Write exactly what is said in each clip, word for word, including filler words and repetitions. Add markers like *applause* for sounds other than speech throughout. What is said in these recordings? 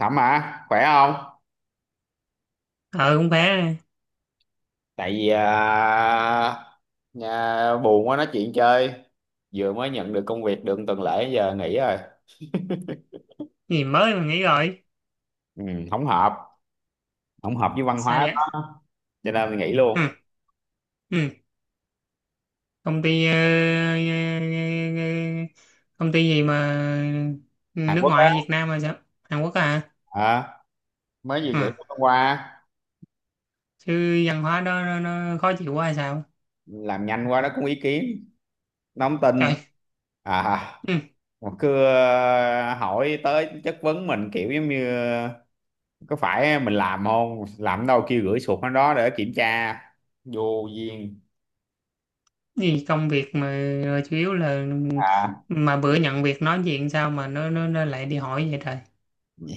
Thẩm à, khỏe không? ờ Cũng bé này. Tại vì à, nhà buồn quá nói chuyện chơi. Vừa mới nhận được công việc được một tuần lễ giờ nghỉ rồi. Cái gì mới mà nghỉ rồi? Ừ, không hợp, không hợp với văn Sao hóa vậy? đó. Cho nên mình nghỉ Ừ. luôn. Ừ. Công ty ờ, ờ, ờ, ờ, công ty gì mà Hàn nước Quốc ngoài á, hay Việt Nam hay sao? Hàn Quốc á hả? à, mới vừa nghỉ Ừ. hôm qua, Chứ văn hóa đó nó, nó khó chịu quá hay sao? làm nhanh quá nó cũng ý kiến, nó không tin. Trời. À, Ừ. mà cứ ờ, hỏi tới chất vấn mình kiểu giống như có phải mình làm không? Làm đâu kêu gửi sụt nó đó để kiểm tra. Vô duyên. Gì công việc mà rồi chủ yếu là À, mà bữa nhận việc nói chuyện sao mà nó nó, nó lại đi hỏi vậy trời?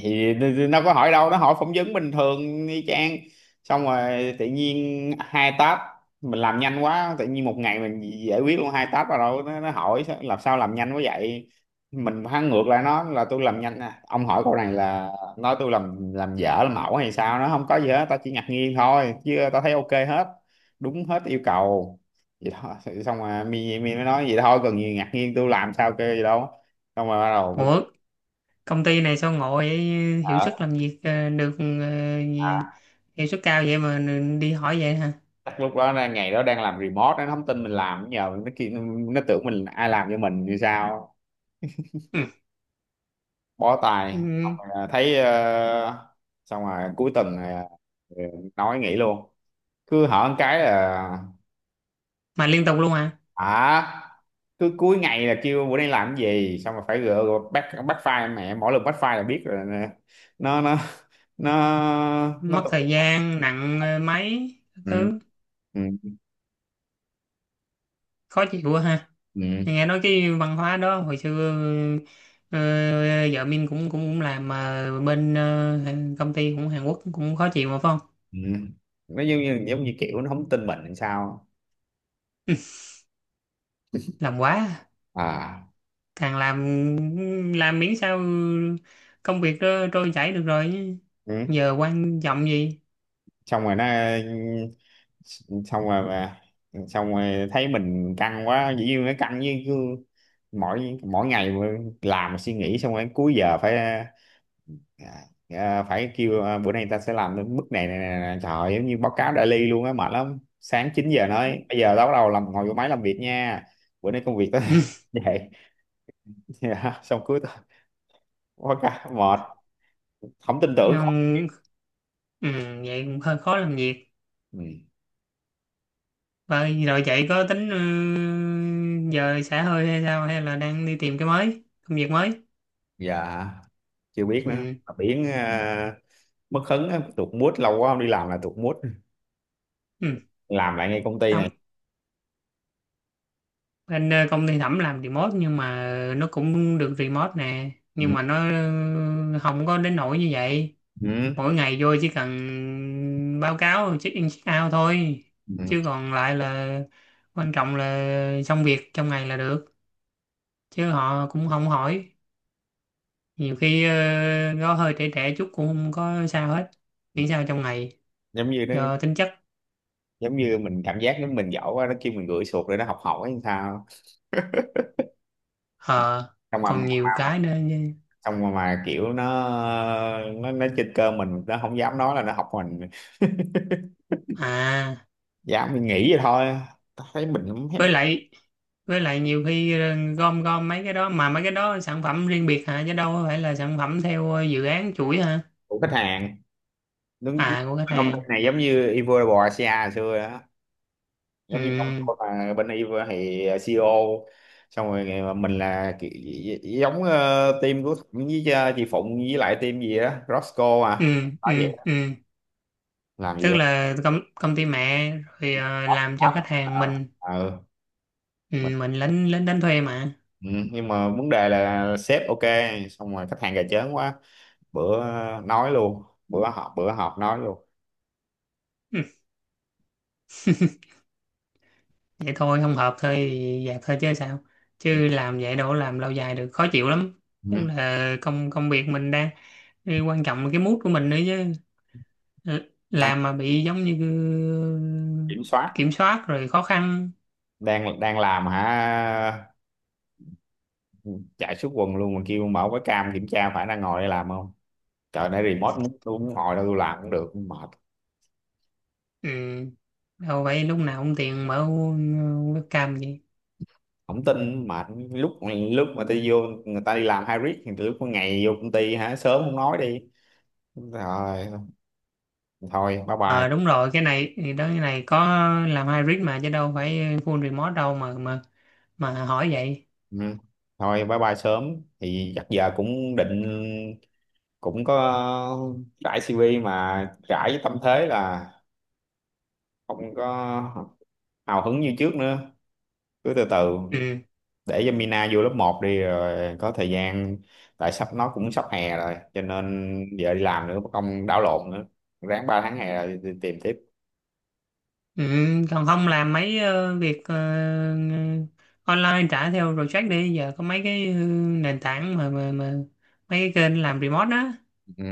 thì nó có hỏi đâu, nó hỏi phỏng vấn bình thường y chang, xong rồi tự nhiên hai tab mình làm nhanh quá, tự nhiên một ngày mình giải quyết luôn hai tab rồi, đâu nó, nó hỏi sao- làm sao làm nhanh quá vậy. Mình hắn ngược lại nó là tôi làm nhanh à. Ông hỏi câu này là nói tôi làm làm dở làm ẩu hay sao? Nó không có gì hết, tao chỉ ngạc nhiên thôi chứ tao thấy ok hết, đúng hết yêu cầu, vậy thôi. Xong rồi mi mi mới nói vậy thôi cần gì ngạc nhiên, tôi làm sao kêu gì đâu. Xong rồi bắt đầu mới- Ủa, công ty này sao ngộ vậy? Hiệu à, suất làm việc ờ, được ờ, gì- à, hiệu suất cao vậy mà đi hỏi vậy hả? chắc lúc đó là ngày đó đang làm remote, nó không tin mình làm, nhờ nó kia nó, nó tưởng mình ai làm cho mình như sao. Ừ. Bó tay. Xong Ừ. rồi, à, thấy ờ, xong rồi cuối tuần à, ờ, nói nghỉ luôn. Cứ hỏi một cái là Mà liên tục luôn hả? hả, cứ cuối ngày là kêu bữa nay làm cái gì, xong rồi phải gỡ gỡ back back file mẹ, mỗi lần back file là biết rồi nè. nó nó nó nó Mất tập- thời gian nặng ờ, mấy các ừ. thứ. Ừ. Khó chịu quá ha. Ừ. Nghe nói cái văn hóa đó hồi xưa, ờ, vợ mình cũng cũng cũng làm mà bên ờ, công ty cũng Hàn Quốc cũng khó chịu mà phải không? Ừ. Nó giống như giống như kiểu nó không tin mình làm sao. Làm quá à. À, Càng làm làm miễn sao công việc nó trôi chảy được rồi chứ. ừ. Giờ quan trọng gì. Xong rồi nó xong rồi mà xong rồi thấy mình căng quá, dĩ nhiên nó căng với cứ mỗi mỗi ngày mà làm suy nghĩ, xong rồi cuối giờ phải à, à, phải kêu à, bữa nay ta sẽ làm đến bước này, này, này, này. Trời ơi, giống như báo cáo daily luôn á, mệt lắm. Sáng chín giờ nói bây giờ tao bắt đầu làm, ngồi vô máy làm việc nha, bữa nay công việc tao *laughs* vậy. Dạ, xong cuối tuần quá cả mệt, không tin *laughs* Chứ tưởng không. không ừ, vậy cũng hơi khó làm việc. Ừ. Vậy rồi vậy có tính ừ, giờ xả hơi hay sao hay là đang đi tìm cái mới, công việc mới? Dạ, chưa biết nữa Ừ. mà biển à, mất hứng á, tụt mood, lâu quá không đi làm là tụt mood. Ừ. Làm lại ngay công ty này. Không, bên ờ, công ty Thẩm làm remote nhưng mà nó cũng được remote nè, Ừ. nhưng mà nó ừ, không có đến nỗi như vậy. Ừ. Mỗi ngày vô chỉ cần báo cáo check in check out thôi, Ừ. chứ còn lại là quan trọng là xong việc trong ngày là được, chứ họ cũng không hỏi. Nhiều khi ờ, nó hơi trễ trễ chút cũng không có sao hết, miễn sao trong ngày Giống như nó do tính chất. giống như mình cảm giác giống mình giỏi quá, nó kêu mình gửi sụt rồi nó học hỏi hay sao. Ờ Xong mà còn nhiều cái nữa như- xong mà, mà kiểu nó nó nó trên cơ mình, nó không dám nói là nó học mình, à, dám mình nghĩ vậy thôi. Tao thấy mình không thấy với lại với lại nhiều khi ờ, gom gom mấy cái đó mà mấy cái đó sản phẩm riêng biệt hả, chứ đâu có phải là sản phẩm theo ờ, dự án chuỗi hả? của khách hàng, đúng. À, của khách Công ty hàng. này giống như Ivor Bò Asia hồi xưa á, giống như ông ừ tôi mà bên y thì xê i ô. Xong rồi mà mình là ki- gi- giống ờ, team của Thịnh với ờ, chị Phụng với lại team gì đó Roscoe ừ à nói ừ vậy, ừ làm gì Tức đó. là công, công ty mẹ rồi ờ, làm cho khách hàng mình. Ờ, ừ. Mình, Ừ, mình lính lính đánh thuê mà. ừ. Nhưng mà vấn đề là sếp ok, xong rồi khách hàng gà chớn quá. Bữa nói luôn, bữa họp bữa họp nói luôn. *laughs* Vậy thôi không hợp thôi thì dạt thôi chứ sao, Ừ. chứ làm vậy đâu có làm lâu dài được, khó chịu lắm. Ừ. Tức là công công việc mình đang, cái quan trọng là cái mood của mình nữa chứ. L- Đang làm mà bị giống như kiểm soát, kiểm soát rồi khó khăn. đang đang làm hả, chạy suốt quần luôn mà kêu mở cái cam kiểm tra phải đang ngồi đây làm không. Trời nay remote muốn tôi muốn ngồi đâu tôi làm cũng được, mệt. Ừ. Đâu phải lúc nào cũng tiền mở webcam gì. Không tin, mà lúc lúc mà tôi vô người ta đi làm hybrid thì từ lúc có ngày vô công ty hả, sớm không nói đi rồi. Thôi bye bye. Ờ đúng rồi, cái này thì đó, cái này có làm hybrid mà chứ đâu phải full remote đâu mà mà mà hỏi vậy. Ừ. Thôi bye bye sớm, thì chắc giờ cũng định cũng có rải si vi mà, rải với tâm thế là không có hào hứng như trước nữa, cứ từ từ. Ừ. Để cho Mina vô lớp một đi rồi có thời gian, tại sắp nó cũng sắp hè rồi cho nên giờ đi làm nữa mà không đảo lộn nữa, ráng ba tháng hè rồi thì tìm tiếp. Ừ, còn không làm mấy ờ, việc ờ, online trả theo project đi, giờ có mấy cái ờ, nền tảng mà mà mà mấy cái kênh làm remote đó. Ừ.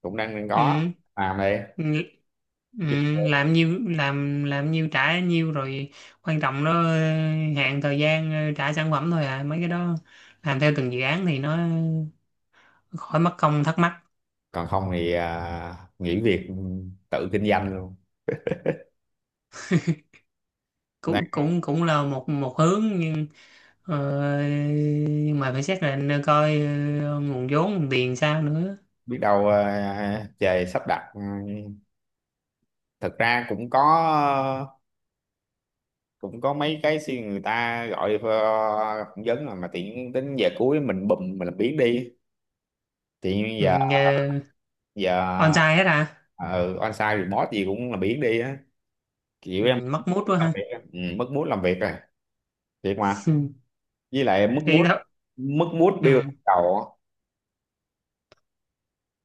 Cũng đang đang có ừ, làm đây. ừ, ừ, Chứ làm nhiêu làm làm nhiêu trả nhiêu rồi, quan trọng nó ờ, hạn thời gian ờ, trả sản phẩm thôi à, mấy cái đó làm theo từng dự án thì nó khỏi mất công thắc mắc. còn không thì à, nghỉ việc tự kinh doanh luôn. Đang Cũng cũng cũng là một một hướng nhưng Ờ, nhưng mà phải xác định coi ờ, nguồn vốn nguồn tiền sao nữa. biết đâu à, trời sắp đặt. Ừ. Thực ra cũng có, cũng có mấy cái suy người ta gọi ờ, phỏng vấn rồi, mà tiện tính giờ cuối mình bùm mình làm biến đi. Thì ừ, giờ uh, giờ On hết à? ờ on-site thì boss gì cũng là biển đi á, kiểu Ừ, em mất mút quá làm ha. việc á. Ừ, mất mút làm việc rồi, thiệt mà. Ừ, Với lại mất mút, thì đó. mất mút Ừ. build đầu á.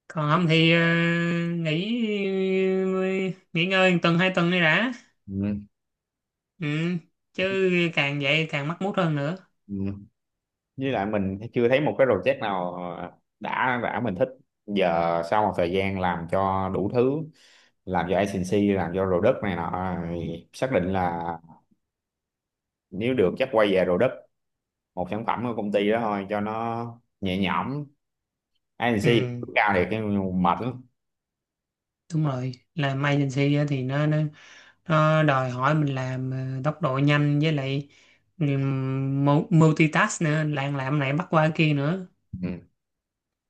Còn không thì ờ, nghỉ ờ, nghỉ ngơi một tuần hai tuần đi đã. Ừ, Ừ. Chứ càng vậy càng mất mút hơn nữa. ừ. Với lại mình chưa thấy một cái project nào ờ, đã đã mình thích. Giờ sau một thời gian làm cho đủ thứ, làm cho agency, làm cho product này nọ thì xác định là nếu được chắc quay về product, một sản phẩm của công ty đó thôi cho nó nhẹ nhõm. Agency Ừ. cao thiệt nhưng mà mệt lắm. Đúng rồi, làm agency á thì nó, nó nó đòi hỏi mình làm ờ, tốc độ nhanh với lại ừ, mu- multitask nữa, làm làm này bắt qua kia nữa. Ừ,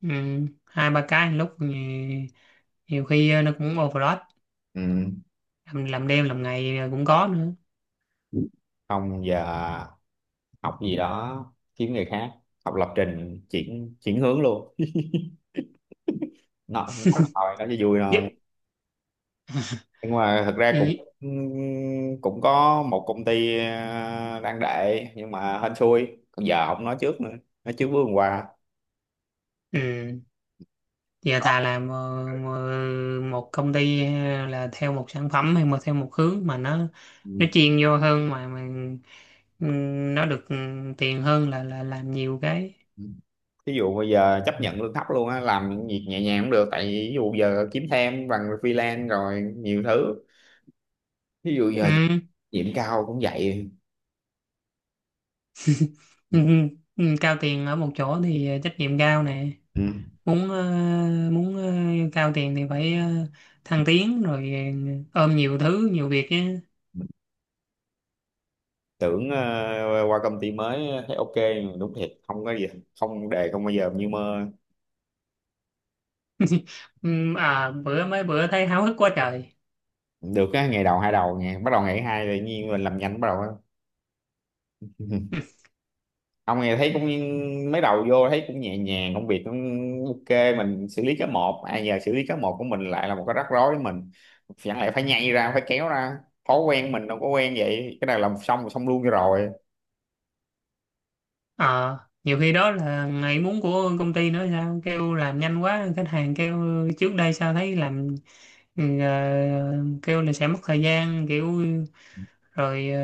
Ừ, hai ba cái một lúc thì nhiều khi ờ, nó cũng overload. ừ. Làm, làm đêm làm ngày ờ, cũng có nữa. Không giờ học gì đó kiếm nghề khác, học lập trình chuyển chuyển hướng luôn. Nó nói là thôi nó cho vui Dạ. thôi nhưng mà thật ra cũng Ý- cũng có một công ty ờ, đang đệ nhưng mà hên xui, còn giờ không nói trước nữa, nói trước bước hôm qua. ừ. Giờ Đó. thà làm ờ, mờ- một công ty ờ, là theo một sản phẩm hay mà theo một hướng mà nó Ừ. nó chuyên vô hơn mà mà ừ, nó được ừ, tiền hơn là là làm nhiều cái. Ví dụ bây giờ chấp nhận lương thấp luôn á, làm những việc nhẹ nhàng cũng được, tại vì ví dụ giờ kiếm thêm bằng freelance rồi nhiều thứ, ví dụ giờ Ừ. điểm cao cũng vậy. Ừ. Ừ, ừ, cao tiền ở một chỗ thì ờ, trách nhiệm cao nè, Ừ. muốn ờ, muốn ờ, cao tiền thì phải ờ, thăng tiến rồi ờ, ôm nhiều thứ nhiều việc chứ. Tưởng ờ, qua công ty mới thấy ok đúng thiệt, không có gì không đề không bao giờ như mơ. *laughs* Ừm, à bữa mấy bữa thấy háo hức quá trời. Được á ngày đầu hai đầu nghe bắt đầu, ngày thứ hai tự nhiên mình làm nhanh bắt đầu á. *laughs* Ông nghe thấy cũng mấy đầu vô thấy cũng nhẹ nhàng, công việc cũng ok, mình xử lý cái một. Ai giờ xử lý cái một của mình lại là một cái rắc rối với mình, chẳng lẽ phải nhây ra phải kéo ra. Thói quen mình đâu có quen vậy, cái này làm xong là xong luôn cho rồi. Ờ nhiều khi đó là ngày muốn của công ty nữa, sao kêu làm nhanh quá khách hàng kêu? Trước đây sao thấy làm ừ, ờ, kêu là sẽ mất thời gian, kiểu rồi ờ,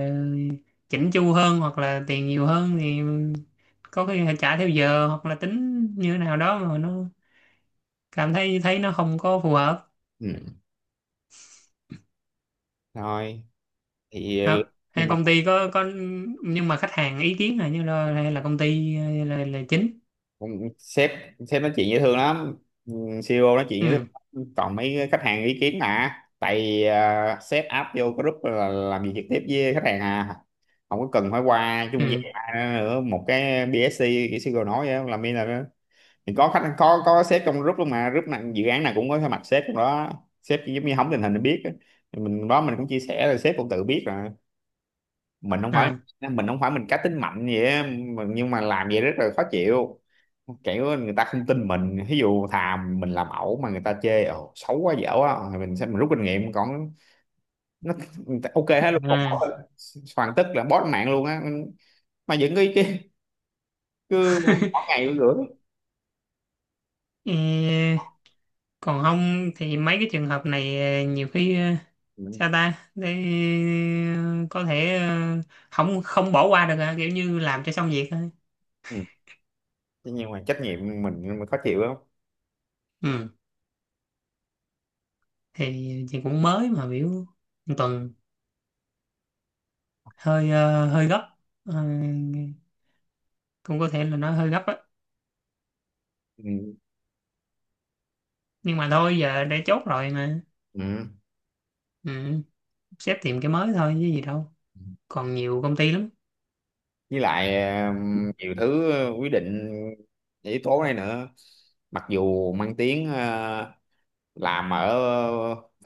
chỉnh chu hơn hoặc là tiền nhiều hơn thì có khi phải trả theo giờ hoặc là tính như thế nào đó mà nó cảm thấy thấy nó không có phù hợp. Ừ. Thôi thì Đó. nhưng Hay mà công ty có có nhưng mà khách hàng ý kiến là như là hay là công ty là, là chính. sếp sếp nói chuyện dễ thương lắm. Ừ, xê i ô nói chuyện dễ Ừ thương lắm. Còn mấy khách hàng ý kiến mà tại vì à, sếp áp vô group là làm gì trực tiếp với khách hàng à, không có cần phải qua ừ trung gian ai nữa, một cái bê ét xê cái xê i ô nói vậy làm như là, thì có khách có có sếp trong group luôn, mà group này dự án nào cũng có mặt sếp trong đó. Sếp chỉ giống như hóng tình hình để biết á. Thì mình đó mình cũng chia sẻ rồi, sếp cũng tự biết rồi. Mình không phải à, mình không phải mình cá tính mạnh vậy á, mà- nhưng mà làm vậy rất là khó chịu, kiểu người ta không tin mình. Ví dụ thà mình làm ẩu mà người ta chê ồ xấu quá dở quá, rồi mình sẽ mình rút kinh nghiệm. Còn nó ok hết luôn còn bỏ- à. hoàn tất là bó mạng luôn á, mà vẫn cứ cứ, cứ bỏ bỏ *laughs* ngày luôn nữa. Ờ, còn không thì mấy cái trường hợp này ờ, nhiều khi ờ, Ừ. sao ta để ờ, có thể ờ, không không bỏ qua được à, kiểu như làm cho xong việc thôi. Ừ. Thế nhưng mà trách nhiệm mình mới khó chịu lắm. Ừ, thì chị cũng mới mà biểu một tuần hơi ờ, hơi gấp. Ờ, cũng có thể là nó hơi gấp á Ừ. nhưng mà thôi giờ đã chốt rồi mà. Ừ. Ừ. Sếp tìm cái mới thôi chứ gì đâu, còn nhiều công ty lắm. Với lại ờ, nhiều thứ quyết định yếu tố này nữa. Mặc dù mang tiếng ờ, làm ở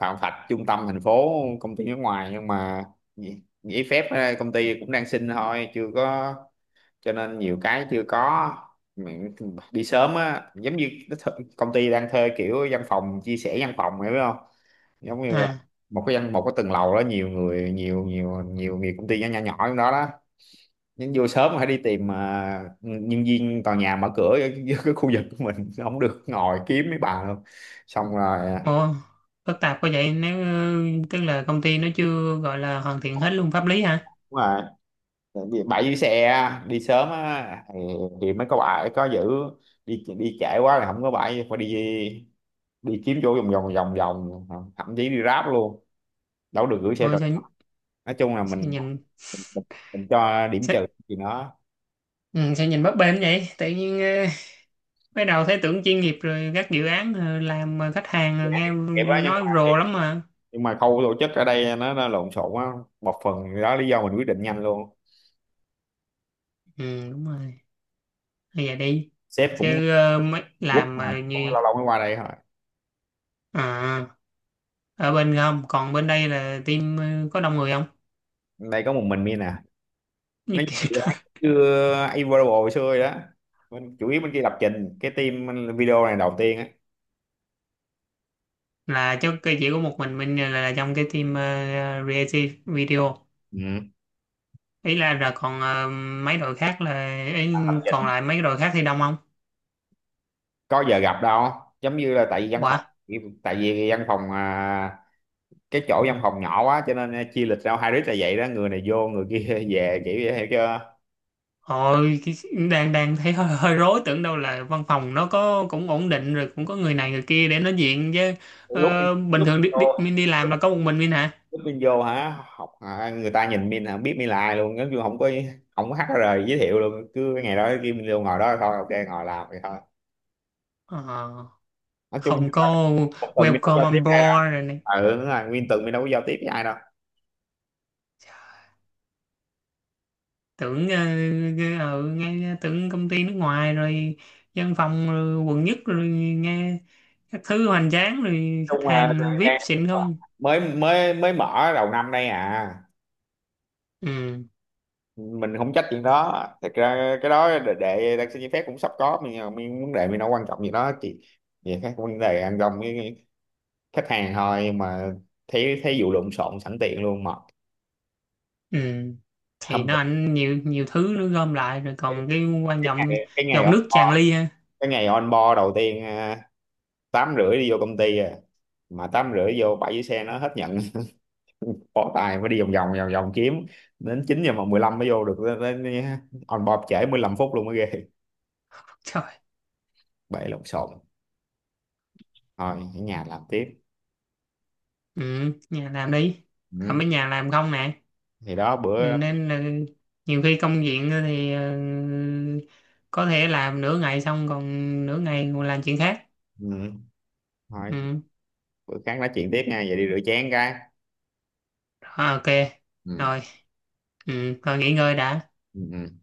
Phạm Thạch trung tâm thành phố, công ty nước ngoài nhưng mà gi- giấy phép ờ, công ty cũng đang xin thôi chưa có, cho nên nhiều cái chưa có. Mình đi sớm á giống như cái th- công ty đang thuê kiểu văn phòng chia sẻ văn phòng hiểu không, giống như là À. một cái văn một cái tầng lầu đó nhiều người nhiều nhiều nhiều nhiều công ty nhỏ nhỏ nhỏ trong đó đó. Nhưng vô sớm phải đi tìm ờ, nhân viên tòa nhà mở cửa ở cái cái khu vực của mình, không được ngồi kiếm mấy bà luôn. Xong rồi à, Ồ, phức tạp quá vậy, nếu ừ, tức là công ty nó chưa gọi là hoàn thiện hết luôn pháp lý hả? đúng rồi. Tại vì bãi giữ xe đi sớm á thì, thì mới có bãi có giữ, đi đi trễ quá là không có bãi phải đi đi kiếm chỗ vòng vòng vòng vòng, thậm chí đi Grab luôn, đâu được gửi xe Ôi rồi. sao, Nói chung là mình sao nhìn mình, mình, mình cho *laughs* điểm sao, trừ thì nó ừ, sao nhìn bấp bênh vậy, tự nhiên ờ, mới đầu thấy tưởng chuyên nghiệp rồi các dự án ờ, làm mà khách hàng ờ, nghe kịp á. Nhưng nói mà rồ lắm mà. nhưng mà khâu tổ chức ở đây nó, nó lộn xộn á, một phần đó lý do mình quyết định nhanh luôn. Ừ đúng rồi, bây giờ đi Sếp cũng chứ ờ, mới quốc làm mà mà cũng như lâu lâu mới qua đây thôi. à, ở bên không còn bên đây là team ờ, có đông người không? Đây có một mình mi nè, *laughs* Như nó kiểu đó. chưa Available xưa rồi đó. Mình chủ yếu bên kia lập trình, cái team video này đầu tiên á. Là chứ cái chỉ có một mình mình là, là trong cái team uh, Creative Video, Ừ. ý là là còn ờ, mấy đội khác là ý, Lập còn trình lại mấy đội khác thì đông không? có giờ gặp đâu, giống như là tại vì văn phòng Quả. tại vì văn phòng à, cái chỗ văn phòng nhỏ quá cho nên à, chia lịch ra hai đứa là vậy đó, người này vô người kia *laughs* về kiểu vậy hiểu chưa. Ôi, cái, đang đang thấy hơi, hơi rối, tưởng đâu là văn phòng nó có cũng ổn định rồi cũng có người này người kia để nói chuyện chứ. Lúc Ờ, bình lúc thường đi, vô đi, mình đi lúc, làm là có một mình mình hả? Lúc mình vô hả học à, người ta nhìn mình không biết mình là ai luôn, giống như không có không có hát HR giới thiệu luôn, cứ ngày đó kia mình vô ngồi đó thôi, ok ngồi làm vậy thôi. Ờ, Nói chung không có một tuần mình đâu welcome giao tiếp on với ai đâu. board rồi này. Ừ đúng rồi, nguyên tuần mình đâu có giao tiếp với ai đâu nói Tưởng ờ, ờ, ờ, nghe tưởng công ty nước ngoài rồi văn phòng rồi quận nhất rồi, nghe các thứ hoành tráng rồi khách chung là hàng vi ai pi đang xịn không? mới mới mới mở đầu năm đây à. Ừ Mình không trách chuyện đó thật ra, cái đó để, để đặc xin giấy phép cũng sắp có, mình mình vấn đề mình đâu quan trọng gì đó chị, về các vấn đề ăn gông với khách hàng thôi, nhưng mà thấy thấy vụ lộn xộn sẵn tiện luôn mà. ừ, thì Hôm nó bữa- ảnh nhiều nhiều thứ nó gom lại rồi cái, còn cái quan cái trọng. ngày Cái ngày Giọt on nước tràn board, ly ha. cái ngày on board đầu tiên à, tám rưỡi đi vô công ty à, mà tám rưỡi vô bãi dưới xe nó hết nhận, bỏ tài phải đi vòng vòng vòng vòng kiếm, đến chín giờ mà mười lăm mới vô được. Đến, đến, On board trễ mười lăm phút luôn mới ghê. Trời. *laughs* Bể lộn xộn thôi, ở nhà làm tiếp. Ừ, nhà làm đi, Ừ. không mấy nhà làm không nè. Thì đó Ừ, bữa. nên là nhiều khi công việc thì ờ, có thể làm nửa ngày xong còn nửa ngày còn làm chuyện khác. Ừ. Thôi Ừ. bữa khác nói chuyện tiếp nha, vậy đi rửa chén cái. Ờ, ok. Ừ. Rồi ừ, thôi nghỉ ngơi đã. Ừ. Ừ.